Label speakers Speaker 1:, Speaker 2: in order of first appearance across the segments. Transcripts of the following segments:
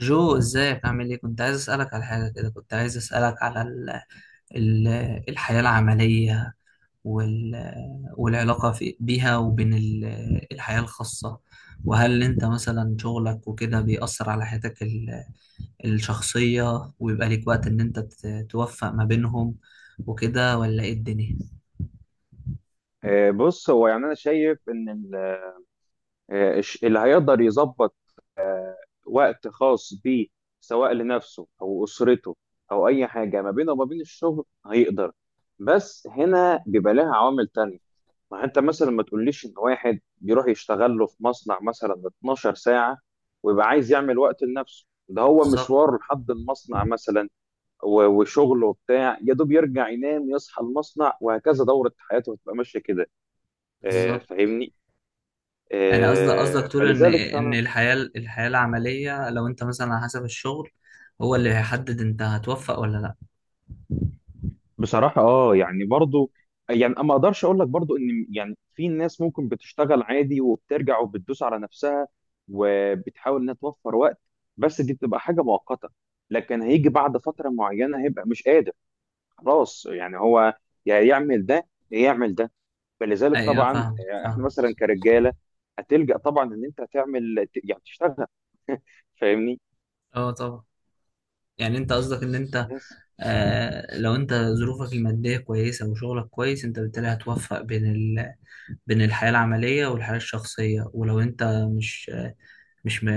Speaker 1: جو ازيك عامل ايه؟ كنت عايز اسالك على حاجه كده. كنت عايز اسالك على ال ال الحياه العمليه وال والعلاقه في بيها وبين الحياه الخاصه، وهل انت مثلا شغلك وكده بيأثر على حياتك الشخصيه، ويبقى ليك وقت ان انت توفق ما بينهم وكده ولا ايه الدنيا؟
Speaker 2: بص، هو يعني انا شايف ان اللي هيقدر يظبط وقت خاص بيه سواء لنفسه او اسرته او اي حاجه ما بينه وما بين الشغل هيقدر. بس هنا بيبقى لها عوامل تانية. ما انت مثلا ما تقوليش ان واحد بيروح يشتغل له في مصنع مثلا 12 ساعه، ويبقى عايز يعمل وقت لنفسه، ده هو
Speaker 1: بالظبط.
Speaker 2: مشواره لحد المصنع مثلا وشغله وبتاع، يا دوب يرجع ينام يصحى المصنع، وهكذا دورة حياته هتبقى ماشية كده.
Speaker 1: بالظبط.
Speaker 2: فاهمني؟
Speaker 1: يعني قصدك تقول ان
Speaker 2: فلذلك
Speaker 1: ان
Speaker 2: فعلا،
Speaker 1: الحياه العمليه، لو انت مثلا على حسب الشغل هو اللي هيحدد انت هتوفق ولا لا؟
Speaker 2: بصراحة اه يعني برضو، يعني ما اقدرش اقول لك برضو ان يعني في ناس ممكن بتشتغل عادي وبترجع وبتدوس على نفسها وبتحاول انها توفر وقت. بس دي بتبقى حاجة مؤقتة، لكن هيجي بعد فترة معينة هيبقى مش قادر. خلاص يعني، هو يا يعمل ده يا يعمل ده. فلذلك
Speaker 1: ايوه،
Speaker 2: طبعا،
Speaker 1: فاهم
Speaker 2: احنا
Speaker 1: فاهم
Speaker 2: مثلا كرجالة هتلجأ طبعا ان انت تعمل يعني تشتغل. فاهمني؟
Speaker 1: اه طبعا. يعني انت قصدك ان انت، لو انت ظروفك الماديه كويسه وشغلك كويس، انت بالتالي هتوفق بين بين الحياه العمليه والحياه الشخصيه. ولو انت مش مش م...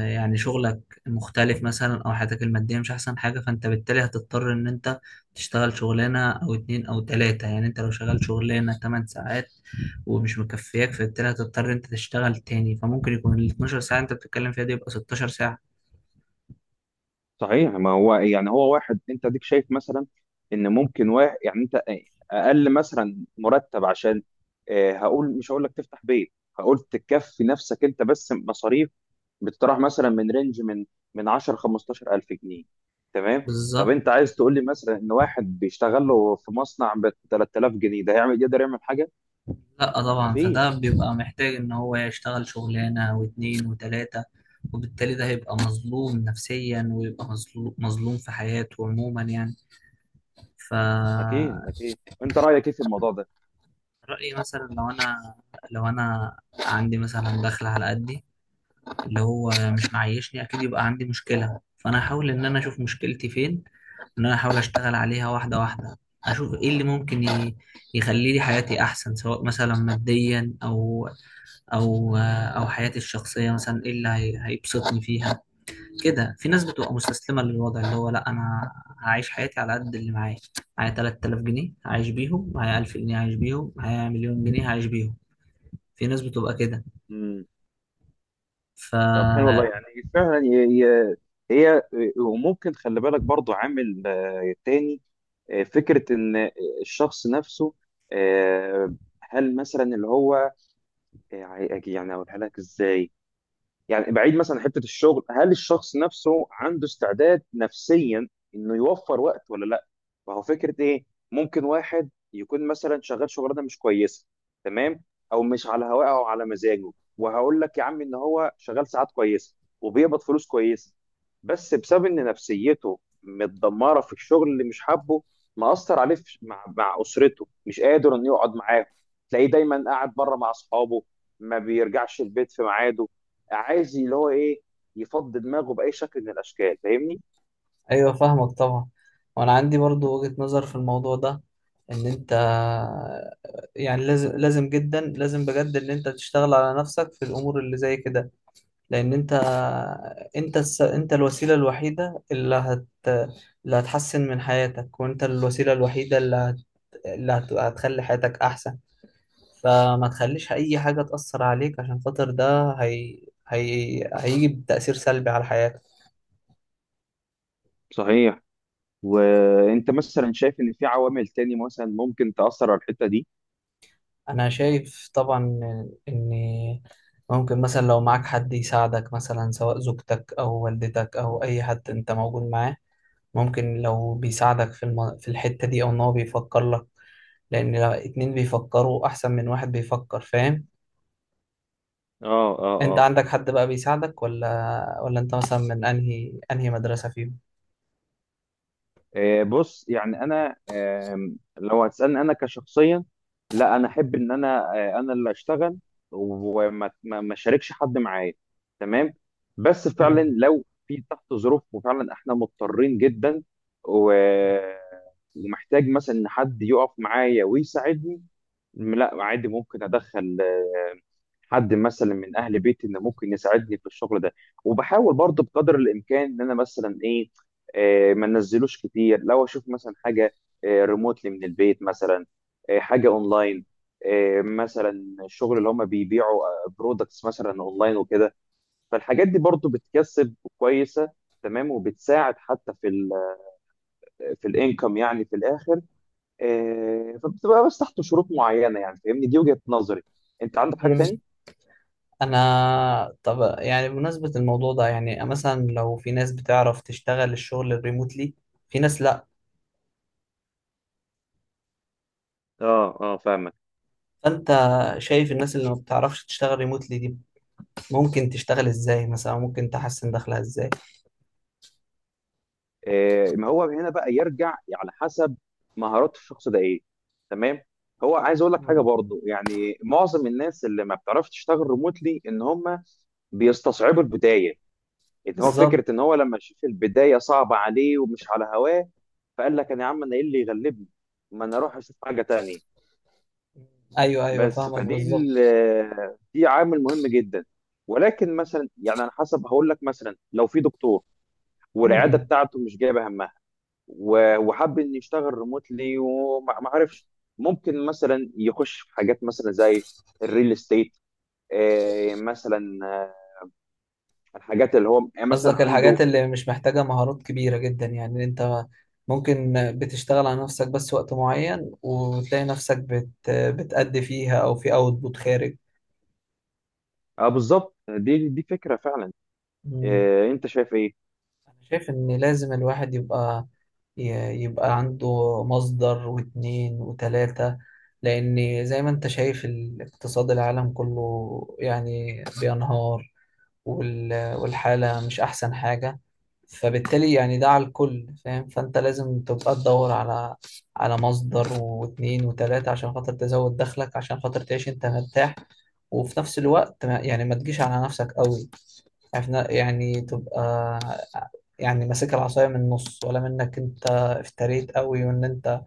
Speaker 1: يعني شغلك مختلف مثلا او حياتك الماديه مش احسن حاجه، فانت بالتالي هتضطر ان انت تشتغل شغلانه او اتنين او تلاته. يعني انت لو شغال شغلانه 8 ساعات ومش مكفياك، فبالتالي هتضطر انت تشتغل تاني، فممكن يكون ال 12 ساعه انت بتتكلم فيها دي يبقى 16 ساعه.
Speaker 2: صحيح. ما هو يعني، هو واحد انت ديك شايف مثلا ان ممكن واحد يعني انت اقل مثلا مرتب، عشان هقول، مش هقول لك تفتح بيت، هقول تكفي نفسك انت بس. مصاريف بتطرح مثلا من رينج من 10 15 الف جنيه، تمام؟ طب انت
Speaker 1: بالظبط.
Speaker 2: عايز تقول لي مثلا ان واحد بيشتغل له في مصنع ب 3000 جنيه ده هيعمل، يقدر يعمل حاجه؟
Speaker 1: لا طبعا، فده
Speaker 2: مفيش.
Speaker 1: بيبقى محتاج ان هو يشتغل شغلانه واتنين وتلاته، وبالتالي ده هيبقى مظلوم نفسيا ويبقى مظلوم في حياته عموما يعني. ف
Speaker 2: اكيد اكيد. انت رايك ايه في الموضوع
Speaker 1: رأيي مثلا لو انا عندي مثلا دخل على قدي اللي هو مش معيشني، اكيد يبقى عندي مشكله، فانا هحاول ان انا اشوف مشكلتي فين، ان انا احاول اشتغل عليها واحده واحده، اشوف ايه اللي ممكن يخلي لي حياتي احسن، سواء مثلا ماديا او او حياتي الشخصيه، مثلا ايه هيبسطني فيها. كده في ناس بتبقى مستسلمه للوضع، اللي هو لا انا هعيش حياتي على قد اللي معايا. معايا 3000 جنيه هعيش بيهم، معايا 1000 جنيه هعيش بيهم، معايا مليون جنيه هعيش بيهم. في ناس بتبقى كده.
Speaker 2: ده؟ طب حلو
Speaker 1: فا
Speaker 2: والله يعني. فعلا هي، وممكن خلي بالك برضو عامل تاني، فكرة إن الشخص نفسه. آه، هل مثلا اللي هو، يعني أقولها لك إزاي، يعني بعيد مثلا عن حته الشغل، هل الشخص نفسه عنده استعداد نفسيا انه يوفر وقت ولا لا؟ ما هو فكره ايه، ممكن واحد يكون مثلا شغال شغلانه مش كويسه، تمام، او مش على هواه او على مزاجه. وهقول لك يا عم ان هو شغال ساعات كويسه وبيقبض فلوس كويسه، بس بسبب ان نفسيته متدمره في الشغل اللي مش حابه، مأثر عليه مع اسرته مش قادر انه يقعد معاهم. تلاقيه دايما قاعد بره مع اصحابه، ما بيرجعش البيت في ميعاده، عايز اللي هو ايه، يفضي دماغه باي شكل من الاشكال. فاهمني؟
Speaker 1: ايوه فاهمك طبعا. وانا عندي برضو وجهة نظر في الموضوع ده، ان انت يعني لازم جدا لازم بجد ان انت تشتغل على نفسك في الامور اللي زي كده، لان انت، انت الوسيله الوحيده اللي هتحسن من حياتك، وانت الوسيله الوحيده هتخلي حياتك احسن. فما تخليش اي حاجه تاثر عليك، عشان خاطر ده هيجي بتاثير سلبي على حياتك.
Speaker 2: صحيح. وانت مثلا شايف ان في عوامل تاني مثلا ممكن تاثر على الحته دي؟
Speaker 1: انا شايف طبعا ان ممكن مثلا لو معاك حد يساعدك، مثلا سواء زوجتك او والدتك او اي حد انت موجود معاه. ممكن لو بيساعدك في الحته دي، او ان هو بيفكر لك، لأن لو اتنين بيفكروا أحسن من واحد بيفكر، فاهم؟
Speaker 2: اه
Speaker 1: أنت
Speaker 2: اه.
Speaker 1: عندك حد بقى بيساعدك ولا أنت مثلا من أنهي مدرسة فيهم؟
Speaker 2: بص، يعني انا لو هتسالني انا كشخصيا، لا، انا احب ان انا، انا اللي اشتغل، وما ما ما اشاركش حد معايا، تمام. بس فعلا
Speaker 1: مم.
Speaker 2: لو في تحت ظروف وفعلا احنا مضطرين جدا، و- ومحتاج مثلا ان حد يقف معايا ويساعدني، لا عادي ممكن ادخل حد مثلا من اهل بيتي انه ممكن يساعدني في الشغل ده. وبحاول برضه بقدر الامكان ان انا مثلا ايه، ما ننزلوش كتير، لو اشوف مثلا حاجه ريموتلي من البيت مثلا، حاجه اونلاين، مثلا الشغل اللي هم بيبيعوا برودكتس مثلا اونلاين وكده. فالحاجات دي برضو بتكسب كويسه، تمام، وبتساعد حتى في في الانكم يعني في الاخر. فبتبقى بس تحت شروط معينه يعني. فاهمني؟ دي وجهه نظري. انت عندك حاجه
Speaker 1: مم.
Speaker 2: تاني؟
Speaker 1: أنا طب يعني بمناسبة الموضوع ده، يعني مثلا لو في ناس بتعرف تشتغل الشغل الريموتلي، في ناس لأ.
Speaker 2: اه اه، فاهمك.
Speaker 1: فأنت شايف الناس اللي ما بتعرفش تشتغل ريموتلي دي ممكن تشتغل إزاي مثلا؟ ممكن تحسن دخلها إزاي؟
Speaker 2: ما هو هنا بقى يرجع على حسب مهارات الشخص ده ايه، تمام. هو عايز اقول لك حاجه
Speaker 1: مم.
Speaker 2: برضو، يعني معظم الناس اللي ما بتعرفش تشتغل ريموتلي ان هم بيستصعبوا البدايه. انت هو
Speaker 1: بالظبط.
Speaker 2: فكره ان هو لما شاف البدايه صعبه عليه ومش على هواه، فقال لك انا يا عم انا ايه اللي يغلبني، ما انا اروح اشوف حاجه تانية.
Speaker 1: ايوه ايوه
Speaker 2: بس
Speaker 1: فاهمك
Speaker 2: فدي ال-
Speaker 1: بالظبط.
Speaker 2: آه، دي عامل مهم جدا. ولكن مثلا يعني على حسب، هقول لك مثلا لو في دكتور والعياده
Speaker 1: مم.
Speaker 2: بتاعته مش جايبه همها، وحب انه يشتغل ريموتلي وما ما عرفش، ممكن مثلا يخش في حاجات مثلا زي الريل استيت، مثلا الحاجات اللي هو مثلا
Speaker 1: قصدك
Speaker 2: عنده.
Speaker 1: الحاجات اللي مش محتاجة مهارات كبيرة جدا؟ يعني انت ممكن بتشتغل على نفسك بس وقت معين وتلاقي نفسك بتأدي فيها او في اوتبوت خارج.
Speaker 2: اه بالظبط، دي فكرة فعلا.
Speaker 1: مم.
Speaker 2: انت شايف ايه؟
Speaker 1: انا شايف ان لازم الواحد يبقى، يبقى عنده مصدر واتنين وتلاتة، لان زي ما انت شايف الاقتصاد العالم كله يعني بينهار، والحالة مش أحسن حاجة. فبالتالي يعني ده على الكل، فاهم؟ فأنت لازم تبقى تدور على مصدر واتنين وتلاتة عشان خاطر تزود دخلك، عشان خاطر تعيش أنت مرتاح، وفي نفس الوقت ما يعني ما تجيش على نفسك قوي، عارف يعني تبقى يعني ماسك العصاية من النص، ولا منك أنت افتريت قوي وإن أنت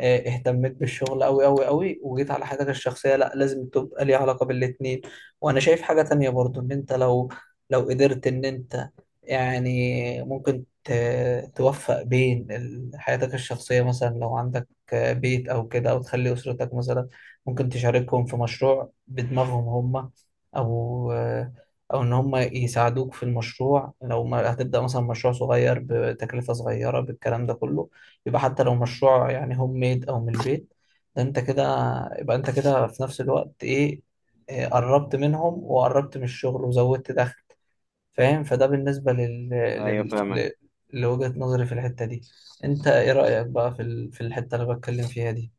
Speaker 1: اهتميت بالشغل قوي قوي قوي وجيت على حياتك الشخصية. لا، لازم تبقى ليها علاقة بالاتنين. وانا شايف حاجة تانية برضو، ان انت لو، لو قدرت ان انت، يعني ممكن توفق بين حياتك الشخصية. مثلا لو عندك بيت او كده، او تخلي اسرتك مثلا ممكن تشاركهم في مشروع بدماغهم هم، او ان هم يساعدوك في المشروع. لو ما هتبدأ مثلا مشروع صغير بتكلفة صغيرة بالكلام ده كله، يبقى حتى لو مشروع يعني هوم ميد او من البيت، ده انت كده يبقى انت كده في نفس الوقت ايه، قربت منهم وقربت من الشغل وزودت دخل. فاهم؟ فده بالنسبة
Speaker 2: ايوه
Speaker 1: لل...
Speaker 2: فاهمك.
Speaker 1: ل- لوجهة نظري في الحتة دي. انت ايه رأيك بقى في في الحتة اللي بتكلم فيها دي؟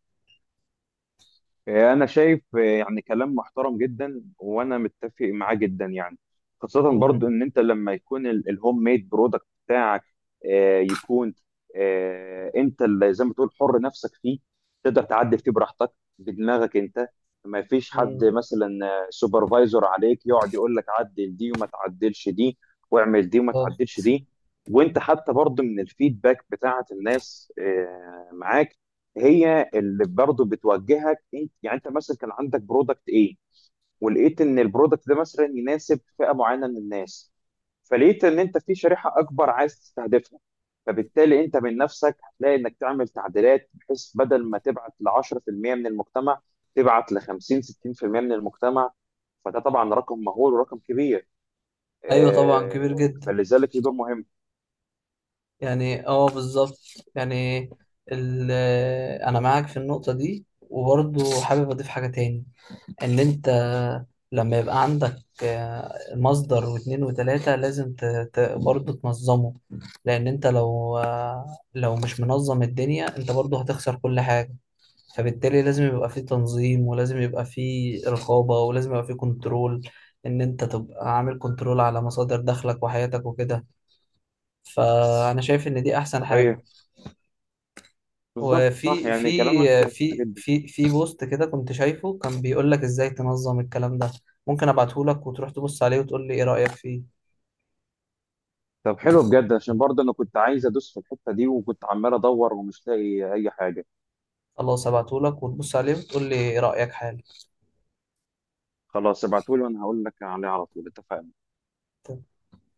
Speaker 2: انا شايف يعني كلام محترم جدا وانا متفق معاه جدا يعني، خاصة برضو
Speaker 1: امم
Speaker 2: ان انت لما يكون الهوم ميد برودكت بتاعك، يكون انت اللي زي ما تقول حر نفسك فيه، تقدر تعدل فيه براحتك بدماغك انت. ما فيش حد
Speaker 1: امم
Speaker 2: مثلا سوبرفايزر عليك يقعد يقول لك عدل دي وما تعدلش دي، واعمل دي وما تعدلش
Speaker 1: بالظبط.
Speaker 2: دي. وانت حتى برضو من الفيدباك بتاعت الناس معاك، هي اللي برضه بتوجهك. انت يعني انت مثلا كان عندك برودكت ايه، ولقيت ان البرودكت ده مثلا يناسب فئة معينة من الناس، فلقيت ان انت في شريحة اكبر عايز تستهدفها، فبالتالي انت من نفسك هتلاقي انك تعمل تعديلات بحيث بدل ما تبعت ل 10% من المجتمع، تبعت ل 50 60% من المجتمع. فده طبعا رقم مهول ورقم كبير.
Speaker 1: ايوه طبعا كبير جدا.
Speaker 2: فلذلك له دور مهم.
Speaker 1: يعني اه بالظبط. يعني ال... انا معاك في النقطة دي، وبرضه حابب اضيف حاجة تاني، ان انت لما يبقى عندك مصدر واتنين وتلاتة، برضه تنظمه، لان انت لو، لو مش منظم الدنيا انت برضه هتخسر كل حاجة. فبالتالي لازم يبقى فيه تنظيم، ولازم يبقى فيه رقابة، ولازم يبقى فيه كنترول، ان انت تبقى عامل كنترول على مصادر دخلك وحياتك وكده. فانا شايف ان دي احسن حاجة.
Speaker 2: صحيح. بالظبط صح،
Speaker 1: وفي
Speaker 2: يعني كلامك
Speaker 1: في
Speaker 2: صح
Speaker 1: في
Speaker 2: جدا.
Speaker 1: في في بوست كده كنت شايفه، كان بيقول لك ازاي تنظم الكلام ده. ممكن ابعته لك وتروح تبص عليه وتقول لي ايه رأيك فيه.
Speaker 2: طب حلو بجد، عشان برضه انا كنت عايز ادوس في الحته دي وكنت عمال ادور ومش لاقي اي حاجه.
Speaker 1: خلاص ابعته لك وتبص عليه وتقول لي ايه رأيك حالا.
Speaker 2: خلاص، ابعتولي وانا هقول لك عليه على طول، اتفقنا.